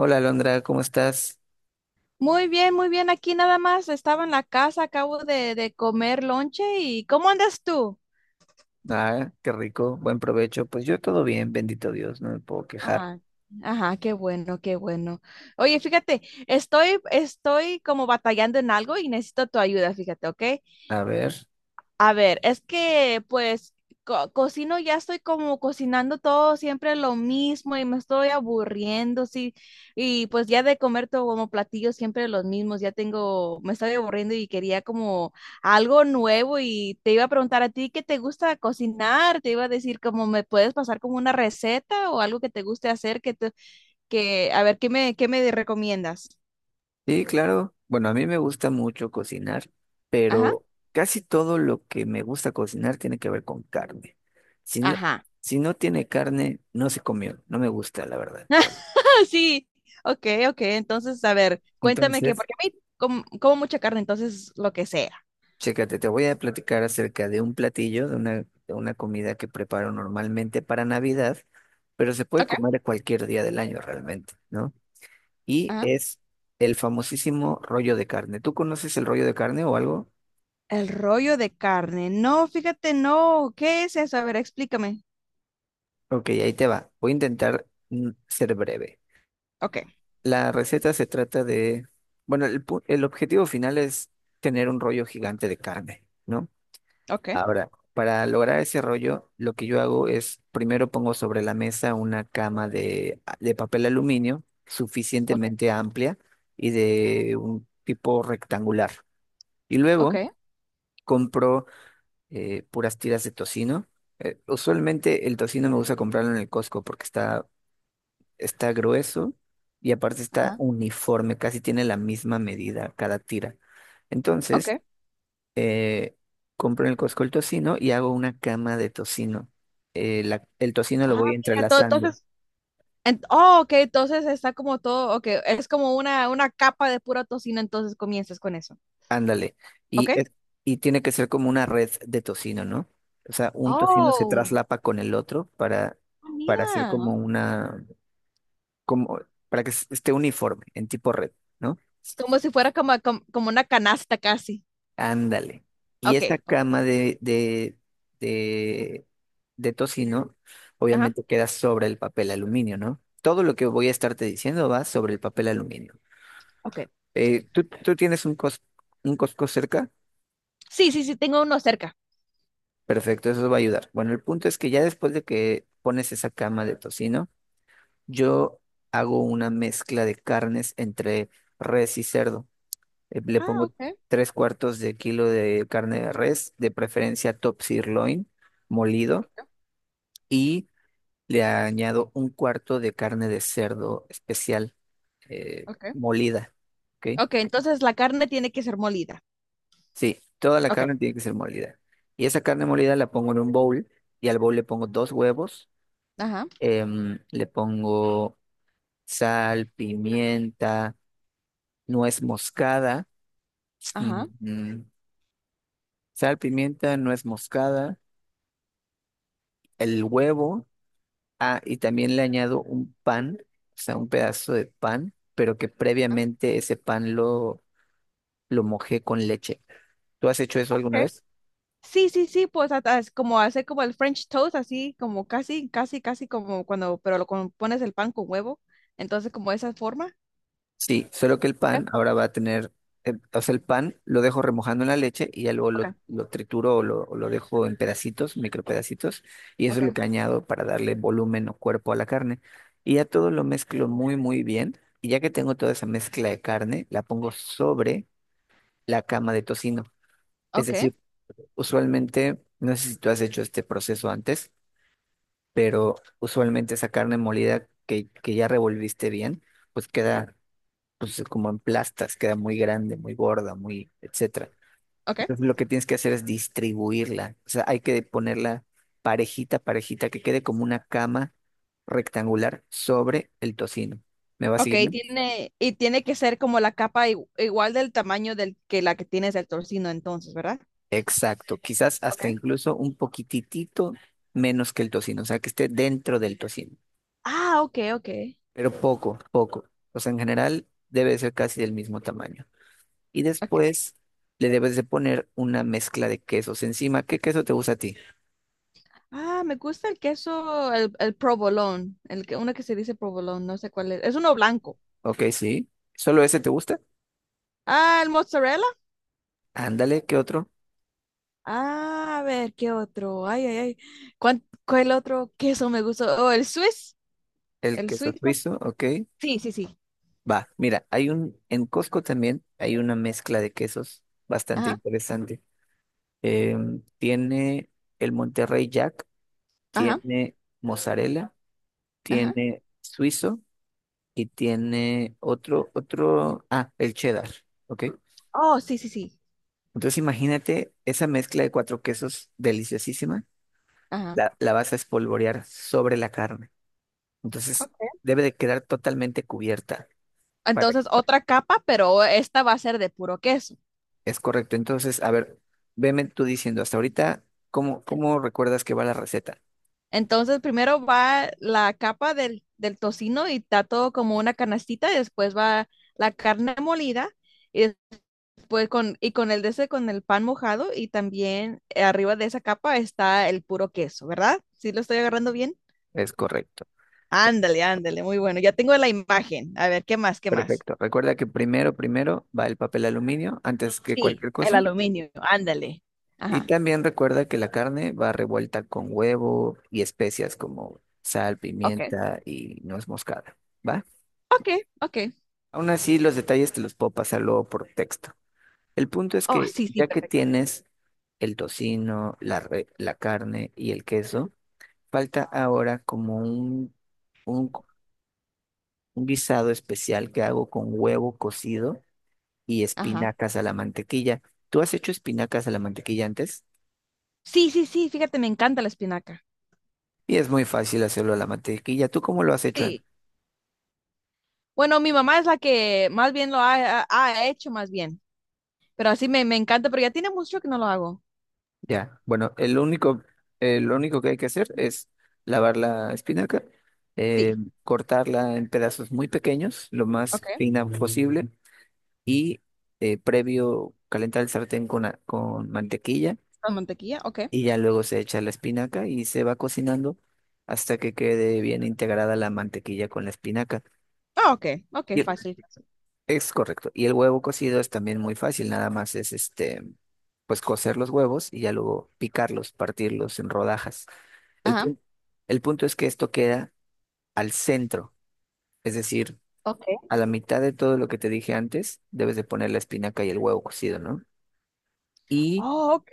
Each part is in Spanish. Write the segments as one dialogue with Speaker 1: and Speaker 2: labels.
Speaker 1: Hola, Alondra, ¿cómo estás?
Speaker 2: Muy bien, muy bien. Aquí nada más estaba en la casa, acabo de comer lonche. Y ¿cómo andas tú?
Speaker 1: Ah, qué rico, buen provecho. Pues yo todo bien, bendito Dios, no me puedo quejar.
Speaker 2: Ah, ajá, qué bueno, qué bueno. Oye, fíjate, estoy como batallando en algo y necesito tu ayuda, fíjate, ¿ok?
Speaker 1: A ver,
Speaker 2: A ver, es que pues cocino, ya estoy como cocinando todo siempre lo mismo y me estoy aburriendo, sí. Y pues ya de comer todo como platillos siempre los mismos, ya tengo, me estoy aburriendo y quería como algo nuevo, y te iba a preguntar a ti qué te gusta cocinar, te iba a decir como me puedes pasar como una receta o algo que te guste hacer que a ver, qué me recomiendas?
Speaker 1: sí, claro. Bueno, a mí me gusta mucho cocinar,
Speaker 2: Ajá,
Speaker 1: pero casi todo lo que me gusta cocinar tiene que ver con carne. Si no,
Speaker 2: ajá.
Speaker 1: si no tiene carne, no se comió, no me gusta, la verdad.
Speaker 2: Sí, ok, ok. Entonces, a ver, cuéntame, que
Speaker 1: Entonces,
Speaker 2: porque a mí como, como mucha carne, entonces lo que sea.
Speaker 1: chécate, te voy a platicar acerca de un platillo, de una comida que preparo normalmente para Navidad, pero se puede
Speaker 2: Ok.
Speaker 1: comer cualquier día del año realmente, ¿no? Y
Speaker 2: Ajá.
Speaker 1: es el famosísimo rollo de carne. ¿Tú conoces el rollo de carne o algo?
Speaker 2: El rollo de carne. No, fíjate, no. ¿Qué es eso? A ver, explícame.
Speaker 1: Ok, ahí te va. Voy a intentar ser breve.
Speaker 2: Ok,
Speaker 1: La receta se trata de, bueno, el objetivo final es tener un rollo gigante de carne, ¿no?
Speaker 2: ok,
Speaker 1: Ahora, para lograr ese rollo, lo que yo hago es, primero pongo sobre la mesa una cama de papel aluminio
Speaker 2: ok,
Speaker 1: suficientemente amplia y de un tipo rectangular. Y
Speaker 2: ok,
Speaker 1: luego compro puras tiras de tocino. Usualmente el tocino me gusta comprarlo en el Costco porque está grueso y aparte está
Speaker 2: ajá,
Speaker 1: uniforme, casi tiene la misma medida cada tira.
Speaker 2: ok.
Speaker 1: Entonces, eh, compro en el Costco el tocino y hago una cama de tocino. El tocino lo
Speaker 2: Ah,
Speaker 1: voy
Speaker 2: mira, todo,
Speaker 1: entrelazando,
Speaker 2: entonces, oh, ok, entonces está como todo, ok, es como una capa de pura tocino, entonces comienzas con eso.
Speaker 1: ándale.
Speaker 2: Ok.
Speaker 1: Y, es- y tiene que ser como una red de tocino, ¿no? O sea, un tocino se
Speaker 2: Oh,
Speaker 1: traslapa con el otro para,
Speaker 2: ah,
Speaker 1: para hacer
Speaker 2: mira,
Speaker 1: como para que esté uniforme, en tipo red, ¿no?
Speaker 2: como si fuera como, como, como una canasta casi.
Speaker 1: Ándale. Y
Speaker 2: Ok,
Speaker 1: esta
Speaker 2: ok,
Speaker 1: cama de, de tocino,
Speaker 2: ajá.
Speaker 1: obviamente queda sobre el papel aluminio, ¿no? Todo lo que voy a estarte diciendo va sobre el papel aluminio.
Speaker 2: Ok.
Speaker 1: ¿Tú tienes un Costco cerca?
Speaker 2: Sí, sí, sí, tengo uno cerca.
Speaker 1: Perfecto, eso va a ayudar. Bueno, el punto es que ya después de que pones esa cama de tocino, yo hago una mezcla de carnes entre res y cerdo. Le
Speaker 2: Ah,
Speaker 1: pongo
Speaker 2: ok,
Speaker 1: tres cuartos de kilo de carne de res, de preferencia top sirloin molido, y le añado un cuarto de carne de cerdo especial
Speaker 2: ok.
Speaker 1: molida. ¿Ok?
Speaker 2: Ok, entonces la carne tiene que ser molida.
Speaker 1: Sí, toda la
Speaker 2: Ok,
Speaker 1: carne tiene que ser molida. Y esa carne molida la pongo en un bowl y al bowl le pongo dos huevos,
Speaker 2: ajá,
Speaker 1: le pongo sal, pimienta, nuez moscada, mm,
Speaker 2: ajá.
Speaker 1: mm, sal, pimienta, nuez moscada, el huevo. Ah, y también le añado un pan, o sea, un pedazo de pan, pero que previamente ese pan lo mojé con leche. ¿Tú has hecho eso alguna
Speaker 2: Ok.
Speaker 1: vez?
Speaker 2: Sí, sí, sí, pues hasta es como hacer como el French toast, así como casi, casi, casi como cuando, pero lo pones el pan con huevo. Entonces, como esa forma.
Speaker 1: Sí, solo que el
Speaker 2: Ok,
Speaker 1: pan ahora va a tener, o sea, el pan lo dejo remojando en la leche y ya luego lo,
Speaker 2: ok,
Speaker 1: lo trituro o lo dejo en pedacitos, micropedacitos, y eso es lo
Speaker 2: ok,
Speaker 1: que añado para darle volumen o cuerpo a la carne. Y ya todo lo mezclo muy, muy bien, y ya que tengo toda esa mezcla de carne, la pongo sobre la cama de tocino. Es
Speaker 2: ok,
Speaker 1: decir, usualmente, no sé si tú has hecho este proceso antes, pero usualmente esa carne molida que ya revolviste bien, pues queda pues, como en plastas, queda muy grande, muy gorda, muy, etcétera.
Speaker 2: ok.
Speaker 1: Entonces lo que tienes que hacer es distribuirla. O sea, hay que ponerla parejita, parejita, que quede como una cama rectangular sobre el tocino. ¿Me va
Speaker 2: Ok,
Speaker 1: siguiendo?
Speaker 2: tiene, y tiene que ser como la capa igual del tamaño del que la que tienes del torcino entonces, ¿verdad?
Speaker 1: Exacto. Quizás
Speaker 2: Ok.
Speaker 1: hasta incluso un poquititito menos que el tocino, o sea, que esté dentro del tocino.
Speaker 2: Ah, ok, ok.
Speaker 1: Pero poco, poco. O sea, en general debe ser casi del mismo tamaño. Y
Speaker 2: Ok.
Speaker 1: después le debes de poner una mezcla de quesos encima. ¿Qué queso te gusta a ti?
Speaker 2: Ah, me gusta el queso, el provolone, el que, uno que se dice provolone, no sé cuál es. Es uno blanco.
Speaker 1: Ok, sí. ¿Solo ese te gusta?
Speaker 2: Ah, el mozzarella.
Speaker 1: Ándale, ¿qué otro?
Speaker 2: Ah, a ver, ¿qué otro? Ay, ay, ay. ¿Cuál, cuál otro queso me gustó? Oh, el Swiss,
Speaker 1: El
Speaker 2: el
Speaker 1: queso
Speaker 2: suizo.
Speaker 1: suizo, ok.
Speaker 2: Sí, sí, sí.
Speaker 1: Va, mira, en Costco también hay una mezcla de quesos bastante
Speaker 2: Ajá,
Speaker 1: interesante. Tiene el Monterrey Jack,
Speaker 2: ajá,
Speaker 1: tiene mozzarella,
Speaker 2: ajá.
Speaker 1: tiene suizo. Y tiene otro, el cheddar, ¿ok?
Speaker 2: Oh, sí, sí, sí.
Speaker 1: Entonces imagínate esa mezcla de cuatro quesos deliciosísima,
Speaker 2: Ajá.
Speaker 1: la vas a espolvorear sobre la carne. Entonces
Speaker 2: Ok.
Speaker 1: debe de quedar totalmente cubierta para que-
Speaker 2: Entonces, otra capa, pero esta va a ser de puro queso.
Speaker 1: Es correcto. Entonces, a ver, veme tú diciendo hasta ahorita, ¿cómo recuerdas que va la receta?
Speaker 2: Entonces, primero va la capa del tocino y está todo como una canastita, y después va la carne molida. Y pues con, y con el de ese, con el pan mojado y también arriba de esa capa está el puro queso, ¿verdad? ¿Sí lo estoy agarrando bien?
Speaker 1: Es correcto.
Speaker 2: Ándale, ándale, muy bueno. Ya tengo la imagen. A ver, ¿qué más? ¿Qué más?
Speaker 1: Perfecto. Recuerda que primero va el papel aluminio antes que
Speaker 2: Sí,
Speaker 1: cualquier
Speaker 2: el
Speaker 1: cosa.
Speaker 2: aluminio, ándale.
Speaker 1: Y
Speaker 2: Ajá.
Speaker 1: también recuerda que la carne va revuelta con huevo y especias como sal,
Speaker 2: Ok,
Speaker 1: pimienta y nuez moscada. ¿Va?
Speaker 2: ok, ok.
Speaker 1: Aún así, los detalles te los puedo pasar luego por texto. El punto es
Speaker 2: Oh,
Speaker 1: que
Speaker 2: sí, sí,
Speaker 1: ya que
Speaker 2: perfecto.
Speaker 1: tienes el tocino, la carne y el queso, falta ahora como un un guisado especial que hago con huevo cocido y
Speaker 2: Ajá.
Speaker 1: espinacas a la mantequilla. ¿Tú has hecho espinacas a la mantequilla antes?
Speaker 2: Sí, sí, sí, fíjate, me encanta la espinaca.
Speaker 1: Y es muy fácil hacerlo a la mantequilla. ¿Tú cómo lo has hecho?
Speaker 2: Sí. Bueno, mi mamá es la que más bien lo ha, ha hecho, más bien. Pero así me, me encanta, pero ya tiene mucho que no lo hago.
Speaker 1: Ya, bueno, lo único que hay que hacer es lavar la espinaca, eh,
Speaker 2: Sí.
Speaker 1: cortarla en pedazos muy pequeños, lo más
Speaker 2: Ok.
Speaker 1: fina posible, y previo calentar el sartén con mantequilla,
Speaker 2: La mantequilla, ok.
Speaker 1: y ya luego se echa la espinaca y se va cocinando hasta que quede bien integrada la mantequilla con la espinaca.
Speaker 2: Ah, ok, ok, fácil, fácil.
Speaker 1: Es correcto. Y el huevo cocido es también muy fácil, nada más es este, pues cocer los huevos y ya luego picarlos, partirlos en rodajas. El
Speaker 2: Ajá,
Speaker 1: punto, el punto es que esto queda al centro, es decir,
Speaker 2: ok.
Speaker 1: a la mitad de todo lo que te dije antes, debes de poner la espinaca y el huevo cocido, ¿no? Y,
Speaker 2: Oh, ok.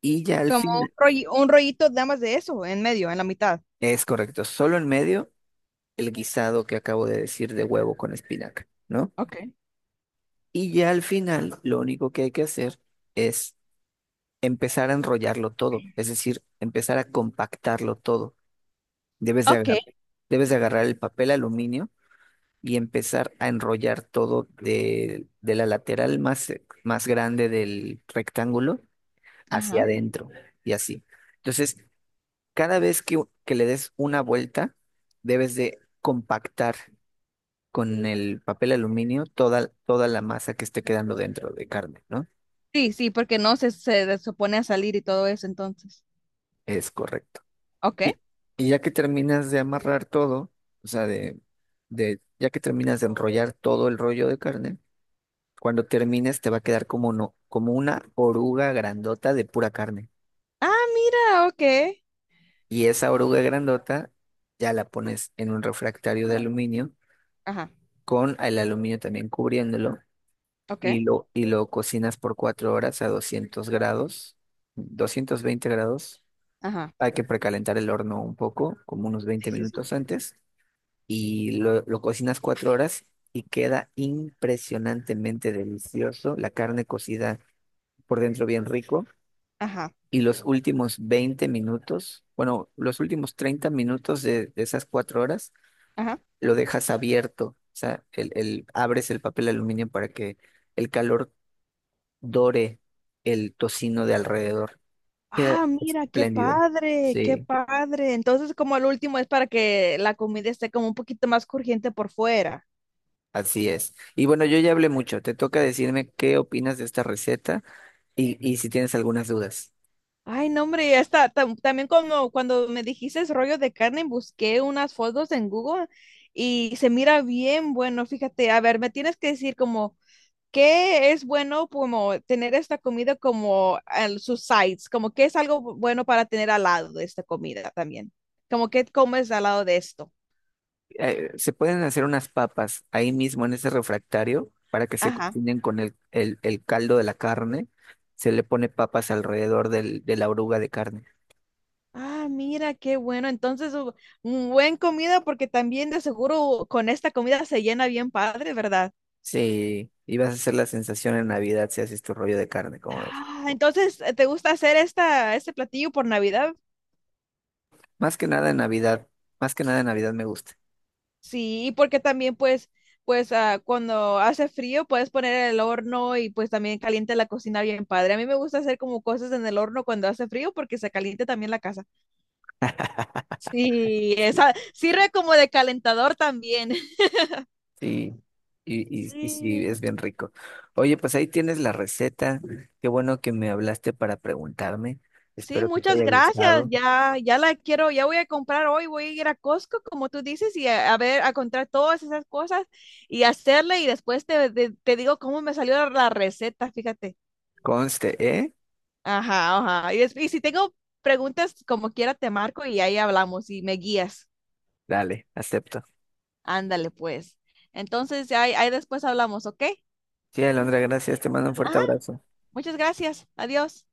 Speaker 1: y ya al
Speaker 2: Como un
Speaker 1: fin,
Speaker 2: un rollito nada más de eso, en medio, en la mitad.
Speaker 1: es correcto, solo en medio el guisado que acabo de decir de huevo con espinaca, ¿no?
Speaker 2: Ok.
Speaker 1: Y ya al final, lo único que hay que hacer es empezar a enrollarlo todo, es decir, empezar a compactarlo todo. Debes de
Speaker 2: Ok,
Speaker 1: agarrar, debes de agarrar el papel aluminio y empezar a enrollar todo de la lateral más, más grande del rectángulo hacia
Speaker 2: ajá.
Speaker 1: adentro y así. Entonces, cada vez que le des una vuelta, debes de compactar con el papel aluminio toda, toda la masa que esté quedando dentro de carne, ¿no?
Speaker 2: Sí, sí, porque no se, supone a salir y todo eso, entonces.
Speaker 1: Es correcto.
Speaker 2: Ok.
Speaker 1: Y, y ya que terminas de amarrar todo, o sea, ya que terminas de enrollar todo el rollo de carne, cuando termines te va a quedar como no, como una oruga grandota de pura carne.
Speaker 2: Ah, mira, ok.
Speaker 1: Y esa oruga grandota ya la pones en un refractario de aluminio
Speaker 2: Ajá,
Speaker 1: con el aluminio también cubriéndolo
Speaker 2: ok.
Speaker 1: y lo cocinas por 4 horas a 200 grados, 220 grados.
Speaker 2: Ajá,
Speaker 1: Hay que precalentar el horno un poco, como unos veinte
Speaker 2: sí, sí, sí.
Speaker 1: minutos antes y lo cocinas 4 horas y queda impresionantemente delicioso. La carne cocida por dentro bien rico.
Speaker 2: Ajá,
Speaker 1: Y los últimos 20 minutos, bueno, los últimos 30 minutos de esas 4 horas,
Speaker 2: ajá.
Speaker 1: lo dejas abierto. O sea, abres el papel aluminio para que el calor dore el tocino de alrededor. Queda
Speaker 2: Ah, mira, qué
Speaker 1: espléndido.
Speaker 2: padre, qué
Speaker 1: Sí,
Speaker 2: padre. Entonces, como el último es para que la comida esté como un poquito más crujiente por fuera.
Speaker 1: así es. Y bueno, yo ya hablé mucho. Te toca decirme qué opinas de esta receta. Y si tienes algunas dudas,
Speaker 2: Ay, no, hombre, hasta también como cuando me dijiste ese rollo de carne, busqué unas fotos en Google y se mira bien bueno. Fíjate, a ver, me tienes que decir como qué es bueno, como tener esta comida como al sus sides, como qué es algo bueno para tener al lado de esta comida también. Como qué comes al lado de esto.
Speaker 1: se pueden hacer unas papas ahí mismo en ese refractario para que se
Speaker 2: Ajá.
Speaker 1: cocinen con el caldo de la carne. Se le pone papas alrededor de la oruga de carne.
Speaker 2: Ah, mira, qué bueno. Entonces, un buen comida porque también de seguro con esta comida se llena bien padre, ¿verdad?
Speaker 1: Sí, y vas a hacer la sensación en Navidad si haces tu rollo de carne, como ves.
Speaker 2: Ah, entonces, ¿te gusta hacer esta, este platillo por Navidad?
Speaker 1: Más que nada en Navidad, más que nada en Navidad me gusta.
Speaker 2: Sí, porque también pues, pues ah, cuando hace frío puedes poner el horno y pues también calienta la cocina bien padre. A mí me gusta hacer como cosas en el horno cuando hace frío porque se caliente también la casa. Sí,
Speaker 1: Sí,
Speaker 2: esa sirve como de calentador también.
Speaker 1: sí, y sí,
Speaker 2: Sí.
Speaker 1: es bien rico. Oye, pues ahí tienes la receta. Qué bueno que me hablaste para preguntarme.
Speaker 2: Sí,
Speaker 1: Espero que te
Speaker 2: muchas
Speaker 1: haya
Speaker 2: gracias.
Speaker 1: gustado.
Speaker 2: Ya, ya la quiero, ya voy a comprar hoy, voy a ir a Costco, como tú dices, y a ver, a comprar todas esas cosas y hacerle y después te, te digo cómo me salió la la receta, fíjate.
Speaker 1: Conste, ¿eh?
Speaker 2: Ajá, ajá. Y, y si tengo preguntas, como quiera, te marco y ahí hablamos y me guías.
Speaker 1: Dale, acepto.
Speaker 2: Ándale, pues. Entonces, ahí, ahí después hablamos, ¿ok?
Speaker 1: Sí, Alondra, gracias. Te mando un fuerte
Speaker 2: Ajá.
Speaker 1: abrazo.
Speaker 2: Muchas gracias. Adiós.